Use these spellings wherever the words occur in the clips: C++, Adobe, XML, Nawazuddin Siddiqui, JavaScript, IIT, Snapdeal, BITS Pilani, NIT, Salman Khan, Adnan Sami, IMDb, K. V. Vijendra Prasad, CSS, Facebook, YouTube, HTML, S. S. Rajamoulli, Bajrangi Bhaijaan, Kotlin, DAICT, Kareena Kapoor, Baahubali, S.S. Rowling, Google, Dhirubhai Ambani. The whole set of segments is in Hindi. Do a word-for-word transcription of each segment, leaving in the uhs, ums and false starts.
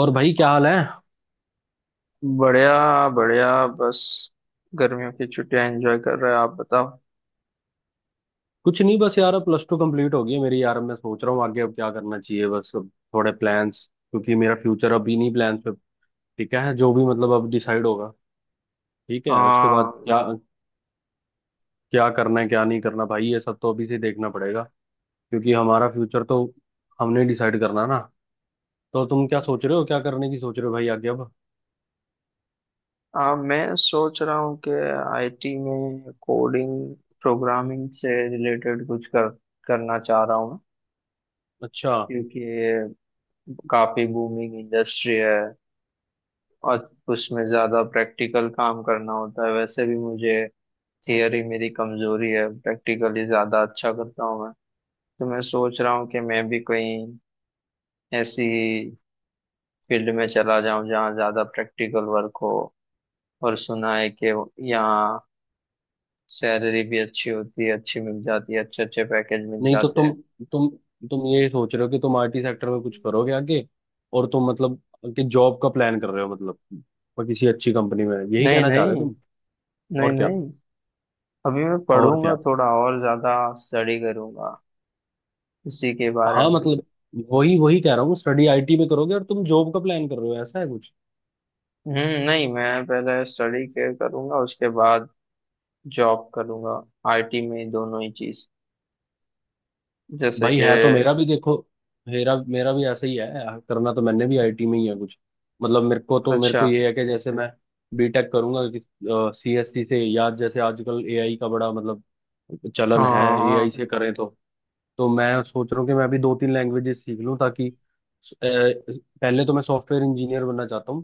और भाई क्या हाल है? बढ़िया बढ़िया बस। गर्मियों की छुट्टियां एंजॉय कर रहे हैं। आप बताओ। कुछ नहीं, बस यार, अब प्लस टू कंप्लीट हो गई है मेरी। यार, अब मैं सोच रहा हूँ आगे अब क्या करना चाहिए, बस अब थोड़े प्लान्स। क्योंकि मेरा फ्यूचर अभी नहीं प्लान्स पे। ठीक है, जो भी मतलब अब डिसाइड होगा। ठीक है, उसके बाद हाँ। क्या, क्या करना है क्या नहीं करना, भाई ये सब तो अभी से देखना पड़ेगा। क्योंकि हमारा फ्यूचर तो हमने डिसाइड करना ना। तो तुम क्या सोच रहे हो, क्या करने की सोच रहे हो भाई, आगे अब? आ, मैं सोच रहा हूँ कि आई टी में कोडिंग प्रोग्रामिंग से रिलेटेड कुछ कर करना चाह रहा हूँ। अच्छा। क्योंकि ये काफी बूमिंग इंडस्ट्री है और उसमें ज्यादा प्रैक्टिकल काम करना होता है। वैसे भी मुझे थियरी मेरी कमजोरी है, प्रैक्टिकली ज्यादा अच्छा करता हूँ मैं। तो मैं सोच रहा हूँ कि मैं भी कोई ऐसी फील्ड में चला जाऊं जहाँ ज्यादा प्रैक्टिकल वर्क हो। और सुना है कि यहाँ सैलरी भी अच्छी होती है, अच्छी मिल जाती है, अच्छे अच्छे पैकेज मिल नहीं, तो जाते तुम हैं। तुम तुम ये सोच रहे हो कि तुम आईटी सेक्टर में कुछ करोगे आगे, और तुम, मतलब कि जॉब का प्लान कर रहे हो, मतलब, पर किसी अच्छी कंपनी में, यही नहीं कहना चाह नहीं। रहे हो तुम? नहीं और क्या, नहीं। अभी मैं और पढ़ूंगा क्या? थोड़ा और ज्यादा, स्टडी करूंगा इसी के बारे हाँ, में। मतलब वही वही कह रहा हूँ, स्टडी आईटी में करोगे और तुम जॉब का प्लान कर रहे हो, ऐसा है कुछ? हम्म नहीं, मैं पहले स्टडी के करूंगा उसके बाद जॉब करूंगा। आईटी में ही दोनों ही चीज जैसे भाई कि है तो मेरा भी, देखो मेरा मेरा भी ऐसा ही है। करना तो मैंने भी आईटी में ही है कुछ। मतलब मेरे को तो मेरे अच्छा। को ये है कि जैसे मैं बीटेक करूंगा, कि सीएससी से, या जैसे आजकल एआई का बड़ा, मतलब चलन हाँ है, हाँ एआई हाँ। से करें तो। तो मैं सोच रहा हूँ कि मैं अभी दो तीन लैंग्वेजेस सीख लूँ, ताकि अ, पहले तो मैं सॉफ्टवेयर इंजीनियर बनना चाहता हूँ,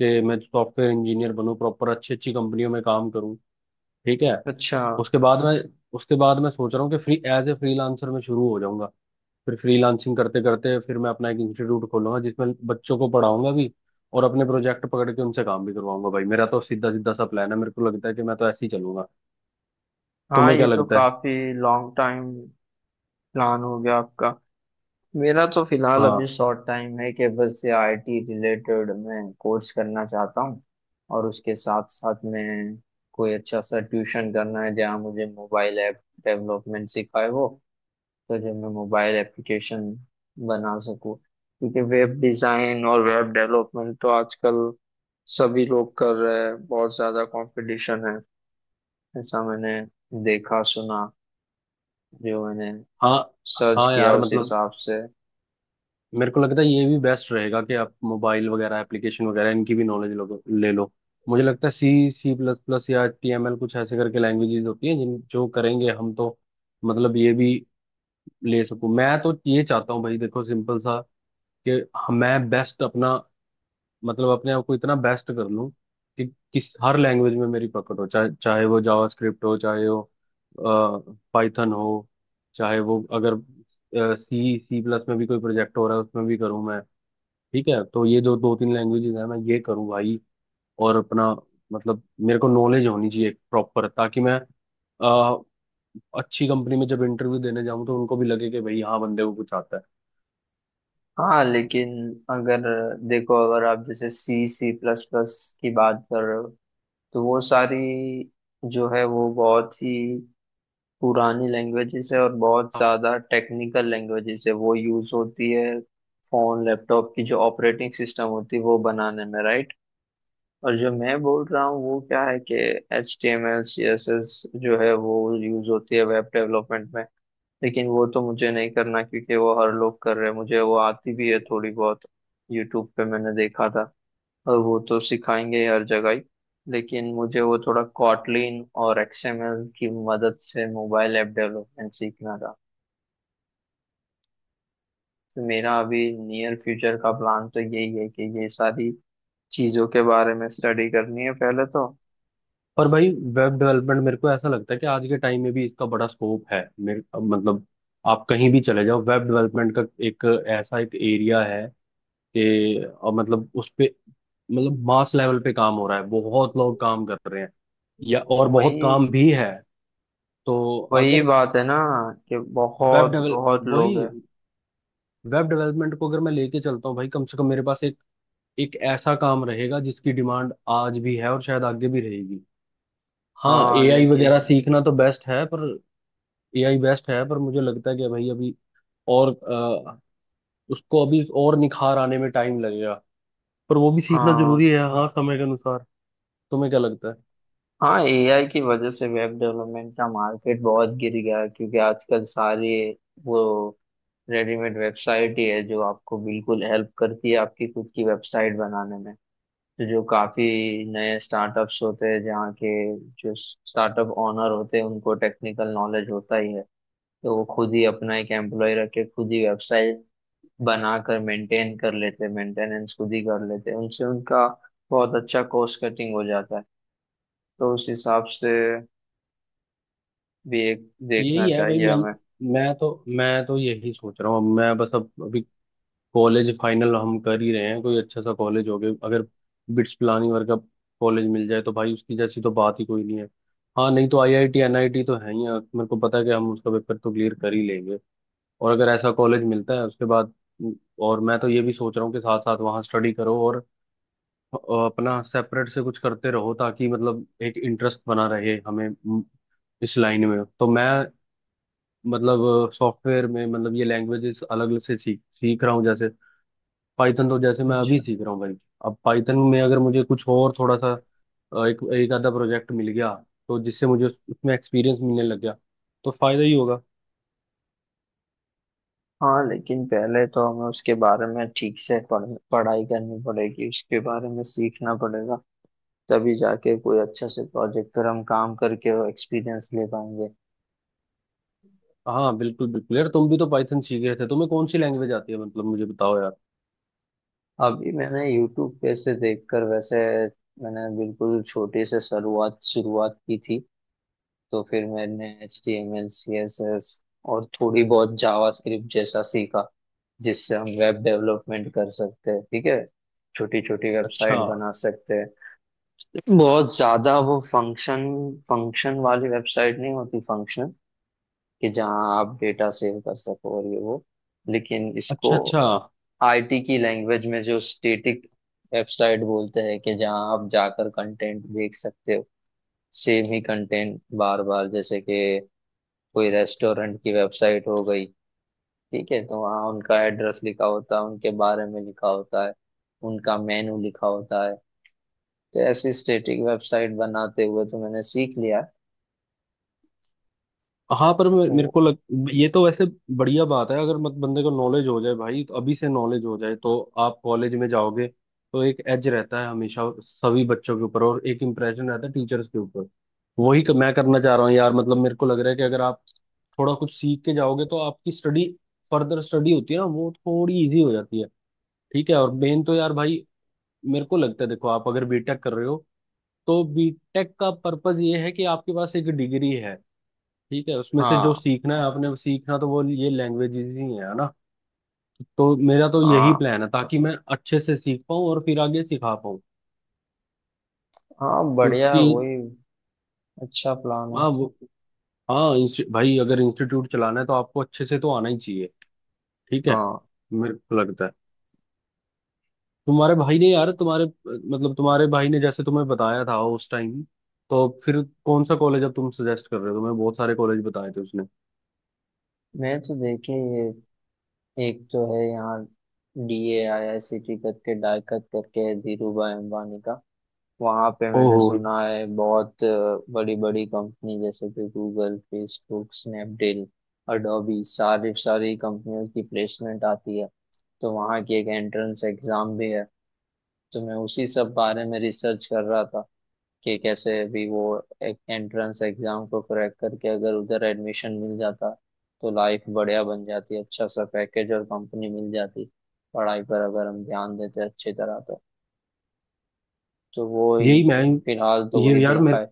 कि मैं सॉफ्टवेयर इंजीनियर बनूँ, प्रॉपर अच्छी अच्छी कंपनियों में काम करूँ, ठीक है। अच्छा। उसके बाद मैं उसके बाद मैं सोच रहा हूँ कि फ्री एज ए फ्रीलांसर में शुरू हो जाऊंगा। फिर फ्रीलांसिंग करते करते फिर मैं अपना एक इंस्टीट्यूट खोलूंगा, जिसमें बच्चों को पढ़ाऊंगा भी और अपने प्रोजेक्ट पकड़ के उनसे काम भी करवाऊंगा। भाई मेरा तो सीधा सीधा सा प्लान है, मेरे को लगता है कि मैं तो ऐसे ही चलूंगा। हाँ, तुम्हें क्या ये तो लगता है? काफी लॉन्ग टाइम प्लान हो गया आपका। मेरा तो फिलहाल अभी हाँ, शॉर्ट टाइम है कि बस ये आई टी रिलेटेड मैं कोर्स करना चाहता हूँ। और उसके साथ साथ मैं कोई अच्छा सा ट्यूशन करना है जहाँ मुझे मोबाइल ऐप डेवलपमेंट सिखाए हो। तो जो मैं मोबाइल एप्लीकेशन बना सकूँ। क्योंकि वेब डिज़ाइन और वेब डेवलपमेंट तो आजकल सभी लोग कर रहे हैं, बहुत ज़्यादा कंपटीशन है। ऐसा मैंने देखा सुना, जो मैंने हाँ, सर्च हाँ। किया यार, उस मतलब हिसाब से। मेरे को लगता है ये भी बेस्ट रहेगा कि आप मोबाइल वगैरह, एप्लीकेशन वगैरह, इनकी भी नॉलेज लो, ले लो। मुझे लगता है सी सी प्लस प्लस या टी एम एल कुछ ऐसे करके लैंग्वेजेस होती हैं जिन जो करेंगे हम तो, मतलब ये भी ले सकूं मैं, तो ये चाहता हूँ भाई, देखो सिंपल सा, कि हम- मैं बेस्ट अपना, मतलब अपने आप को इतना बेस्ट कर लूं कि किस हर लैंग्वेज में मेरी पकड़ हो, चाहे चाहे वो जावास्क्रिप्ट हो, चाहे वो पाइथन हो, चाहे वो, अगर सी सी प्लस में भी कोई प्रोजेक्ट हो रहा है उसमें भी करूँ मैं, ठीक है। तो ये जो दो तीन लैंग्वेजेस है मैं ये करूँ भाई, और अपना, मतलब मेरे को नॉलेज होनी चाहिए प्रॉपर, ताकि मैं अ, अच्छी कंपनी में जब इंटरव्यू देने जाऊं तो उनको भी लगे कि भाई हाँ, बंदे को कुछ आता हाँ लेकिन अगर, देखो अगर आप जैसे सी सी प्लस प्लस की बात कर रहे हो, तो वो सारी जो है वो बहुत ही पुरानी लैंग्वेजेस है और बहुत है। ज़्यादा टेक्निकल लैंग्वेजेस है। वो यूज़ होती है फ़ोन लैपटॉप की जो ऑपरेटिंग सिस्टम होती है वो बनाने में, राइट। और जो मैं बोल रहा हूँ वो क्या है कि H T M L C S S जो है वो यूज होती है वेब डेवलपमेंट में। लेकिन वो तो मुझे नहीं करना क्योंकि वो हर लोग कर रहे हैं, मुझे वो आती भी है थोड़ी बहुत, यूट्यूब पे मैंने देखा था। और वो तो सिखाएंगे ही हर जगह ही। लेकिन मुझे वो थोड़ा कॉटलिन और एक्सएमएल की मदद से मोबाइल ऐप डेवलपमेंट सीखना था। तो मेरा अभी नियर फ्यूचर का प्लान तो यही है कि ये सारी चीज़ों के बारे में स्टडी करनी है पहले तो। पर भाई वेब डेवलपमेंट मेरे को ऐसा लगता है कि आज के टाइम में भी इसका बड़ा स्कोप है, मेरे मतलब, आप कहीं भी चले जाओ, वेब डेवलपमेंट का एक ऐसा एक एरिया है कि अ, मतलब उस पे, मतलब मास लेवल पे काम हो रहा है, बहुत लोग काम कर रहे हैं, या और बहुत काम वही भी है। तो वही अगर बात है ना कि वेब बहुत डेवल बहुत वही, लोग हैं। वेब डेवलपमेंट को अगर मैं लेके चलता हूँ भाई, कम से कम मेरे पास एक एक ऐसा काम रहेगा जिसकी डिमांड आज भी है और शायद आगे भी रहेगी। हाँ, हाँ एआई लेकिन। वगैरह सीखना तो बेस्ट है पर, एआई बेस्ट है पर मुझे लगता है कि भाई अभी और अ, उसको अभी और निखार आने में टाइम लगेगा। पर वो भी सीखना जरूरी हाँ है, हाँ समय के अनुसार। तुम्हें क्या लगता है? हाँ, ए आई की वजह से वेब डेवलपमेंट का मार्केट बहुत गिर गया है, क्योंकि आजकल सारी वो रेडीमेड वेबसाइट ही है जो आपको बिल्कुल हेल्प करती है आपकी खुद की वेबसाइट बनाने में। तो जो काफी नए स्टार्टअप्स होते हैं, जहाँ के जो स्टार्टअप ओनर होते हैं उनको टेक्निकल नॉलेज होता ही है। तो वो खुद ही अपना एक एम्प्लॉय रख के खुद ही वेबसाइट बनाकर मेंटेन कर लेते, मेंटेनेंस खुद ही कर लेते, उनसे उनका बहुत अच्छा कॉस्ट कटिंग हो जाता है। तो उस हिसाब से भी एक देखना यही है भाई। चाहिए मैं हमें। मैं तो मैं तो यही सोच रहा हूँ, मैं बस अब अभी कॉलेज फाइनल हम कर ही रहे हैं, कोई अच्छा सा कॉलेज हो गया अगर, बिट्स पिलानी वर्गा कॉलेज मिल जाए तो भाई उसकी जैसी तो बात ही कोई नहीं है। हाँ, नहीं तो आईआईटी एनआईटी तो है ही है। मेरे को पता है कि हम उसका पेपर तो क्लियर कर ही लेंगे, और अगर ऐसा कॉलेज मिलता है उसके बाद, और मैं तो ये भी सोच रहा हूँ कि साथ साथ वहाँ स्टडी करो और अ, अपना सेपरेट से कुछ करते रहो, ताकि मतलब एक इंटरेस्ट बना रहे हमें। म, इस लाइन में तो मैं, मतलब सॉफ्टवेयर में, मतलब ये लैंग्वेजेस अलग अलग से सीख सीख रहा हूँ, जैसे पाइथन तो जैसे मैं अच्छा। अभी सीख रहा हूँ भाई। अब पाइथन में अगर मुझे कुछ और थोड़ा सा अ, एक एक आधा प्रोजेक्ट मिल गया, तो जिससे मुझे उस- उसमें एक्सपीरियंस मिलने लग गया तो फायदा ही होगा। हाँ लेकिन पहले तो हमें उसके बारे में ठीक से पढ़, पढ़ाई करनी पड़ेगी, उसके बारे में सीखना पड़ेगा। तभी जाके कोई अच्छा से प्रोजेक्ट पर हम काम करके वो एक्सपीरियंस ले पाएंगे। हाँ, बिल्कुल बिल्कुल यार, तुम भी तो पाइथन सीख गए थे, तुम्हें कौन सी लैंग्वेज आती है, मतलब मुझे बताओ यार। अभी मैंने यूट्यूब पे से देखकर, वैसे मैंने बिल्कुल छोटे से शुरुआत शुरुआत की थी। तो फिर मैंने H T M L C S S और थोड़ी बहुत जावा स्क्रिप्ट जैसा सीखा, जिससे हम वेब डेवलपमेंट कर सकते हैं। ठीक है, छोटी छोटी अच्छा, वेबसाइट बना सकते हैं। बहुत ज्यादा वो फंक्शन फंक्शन वाली वेबसाइट नहीं होती। फंक्शन कि जहाँ आप डेटा सेव कर सको और ये वो। लेकिन इसको अच्छा, अच्छा। आई टी की लैंग्वेज में जो स्टेटिक वेबसाइट बोलते हैं, कि जहाँ आप जाकर कंटेंट देख सकते हो, सेम ही कंटेंट बार बार। जैसे कि कोई रेस्टोरेंट की वेबसाइट हो गई, ठीक है, तो वहाँ उनका एड्रेस लिखा होता है, उनके बारे में लिखा होता है, उनका मेनू लिखा होता है। तो ऐसी स्टेटिक वेबसाइट बनाते हुए तो मैंने सीख लिया हाँ, पर मे- मेरे वो। को लग, ये तो वैसे बढ़िया बात है अगर मत बंदे को नॉलेज हो जाए भाई, तो अभी से नॉलेज हो जाए तो आप कॉलेज में जाओगे तो एक एज रहता है हमेशा सभी बच्चों के ऊपर, और एक इम्प्रेशन रहता है टीचर्स के ऊपर। वही क- मैं करना चाह रहा हूँ यार, मतलब मेरे को लग रहा है कि अगर आप थोड़ा कुछ सीख के जाओगे तो आपकी स्टडी, फर्दर स्टडी होती है ना वो, थोड़ी इजी हो जाती है, ठीक है। और मेन तो यार भाई, मेरे को लगता है देखो, आप अगर बीटेक कर रहे हो तो बीटेक का पर्पस ये है कि आपके पास एक डिग्री है, ठीक है, उसमें से जो हाँ सीखना है आपने सीखना, तो वो ये लैंग्वेजेस ही है ना। तो मेरा तो यही हाँ प्लान है, ताकि मैं अच्छे से सीख पाऊँ और फिर आगे सिखा पाऊँ। हाँ, बढ़िया। क्योंकि वही अच्छा प्लान है। हाँ वो, हाँ इंस्टि- भाई अगर इंस्टीट्यूट चलाना है तो आपको अच्छे से तो आना ही चाहिए, ठीक है। हाँ। मेरे को लगता है तुम्हारे भाई ने यार, तुम्हारे मतलब तुम्हारे भाई ने जैसे तुम्हें बताया था उस टाइम, तो फिर कौन सा कॉलेज अब तुम सजेस्ट कर रहे हो, तुम्हें बहुत सारे कॉलेज बताए थे उसने। मैं तो देखे, ये एक तो है यहाँ D A I I C T करके, डाइकत करके है, धीरूभाई अंबानी का। वहां पे मैंने ओह, सुना है बहुत बड़ी बड़ी कंपनी जैसे कि गूगल, फेसबुक, स्नैपडील, अडोबी, सारी सारी कंपनियों की प्लेसमेंट आती है। तो वहां की एक एंट्रेंस एग्जाम भी है। तो मैं उसी सब बारे में रिसर्च कर रहा था कि कैसे भी वो एक एंट्रेंस एग्जाम को क्रैक करके अगर उधर एडमिशन मिल जाता तो लाइफ बढ़िया बन जाती, अच्छा सा पैकेज और कंपनी मिल जाती, पढ़ाई पर अगर हम ध्यान देते अच्छी तरह तो। तो वो ही, यही मैं, फिलहाल तो वही ये यार देखा मेरे, है।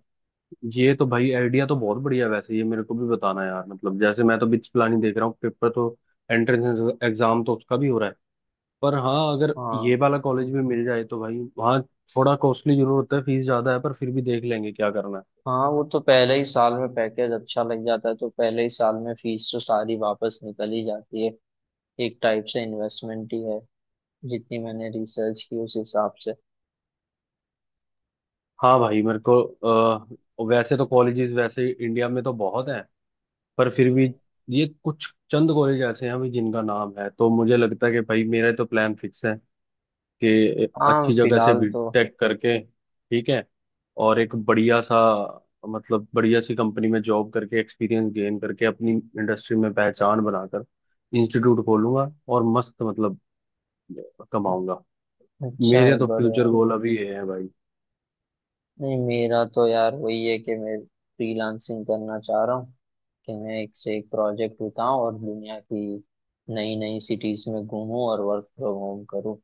ये तो भाई आइडिया तो बहुत बढ़िया है वैसे, ये मेरे को भी बताना यार, मतलब जैसे मैं तो बिच प्लानिंग देख रहा हूँ, पेपर तो, एंट्रेंस एग्जाम तो उसका भी हो रहा है। पर हाँ, अगर ये हाँ। वाला कॉलेज भी मिल जाए तो भाई वहाँ थोड़ा कॉस्टली जरूर होता है, फीस ज्यादा है, पर फिर भी देख लेंगे क्या करना है। हाँ, वो तो पहले ही साल में पैकेज अच्छा लग जाता है तो पहले ही साल में फीस तो सारी वापस निकल ही जाती है। एक टाइप से इन्वेस्टमेंट ही है, जितनी मैंने रिसर्च की उस हिसाब से। हाँ भाई, मेरे को अ, वैसे तो कॉलेजेस, वैसे इंडिया में तो बहुत हैं, पर फिर भी ये कुछ चंद कॉलेज ऐसे हैं भाई जिनका नाम है, तो मुझे लगता है कि भाई मेरा तो प्लान फिक्स है कि हाँ अच्छी जगह से फिलहाल तो। बीटेक करके, ठीक है, और एक बढ़िया सा, मतलब बढ़िया सी कंपनी में जॉब करके एक्सपीरियंस गेन करके, अपनी इंडस्ट्री में पहचान बनाकर इंस्टीट्यूट खोलूंगा और मस्त, मतलब कमाऊंगा। अच्छा है, मेरे तो बढ़िया फ्यूचर है। गोल अभी ये है भाई। नहीं, मेरा तो यार वही है कि मैं फ्रीलांसिंग करना चाह रहा हूँ। कि मैं एक से एक प्रोजेक्ट उठाऊं और दुनिया की नई नई सिटीज में घूमूं और वर्क फ्रॉम होम करूं।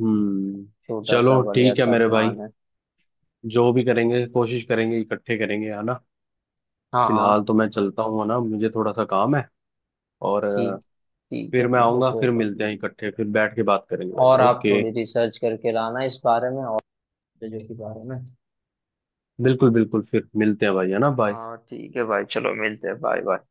हम्म। छोटा सा चलो बढ़िया ठीक है सा मेरे भाई, प्लान है। जो भी करेंगे कोशिश करेंगे, इकट्ठे करेंगे है ना। हाँ फिलहाल हाँ। तो मैं चलता हूँ है ना, मुझे थोड़ा सा काम है, और अ, ठीक ठीक है, फिर मैं ठीक है, आऊंगा, फिर कोई बात मिलते नहीं। हैं इकट्ठे, फिर बैठ के बात करेंगे और भाई, आप ओके। थोड़ी रिसर्च करके लाना इस बारे में और चीजों के बारे में। बिल्कुल बिल्कुल, फिर मिलते हैं भाई है ना, बाय। हाँ ठीक है भाई, चलो मिलते हैं, बाय बाय।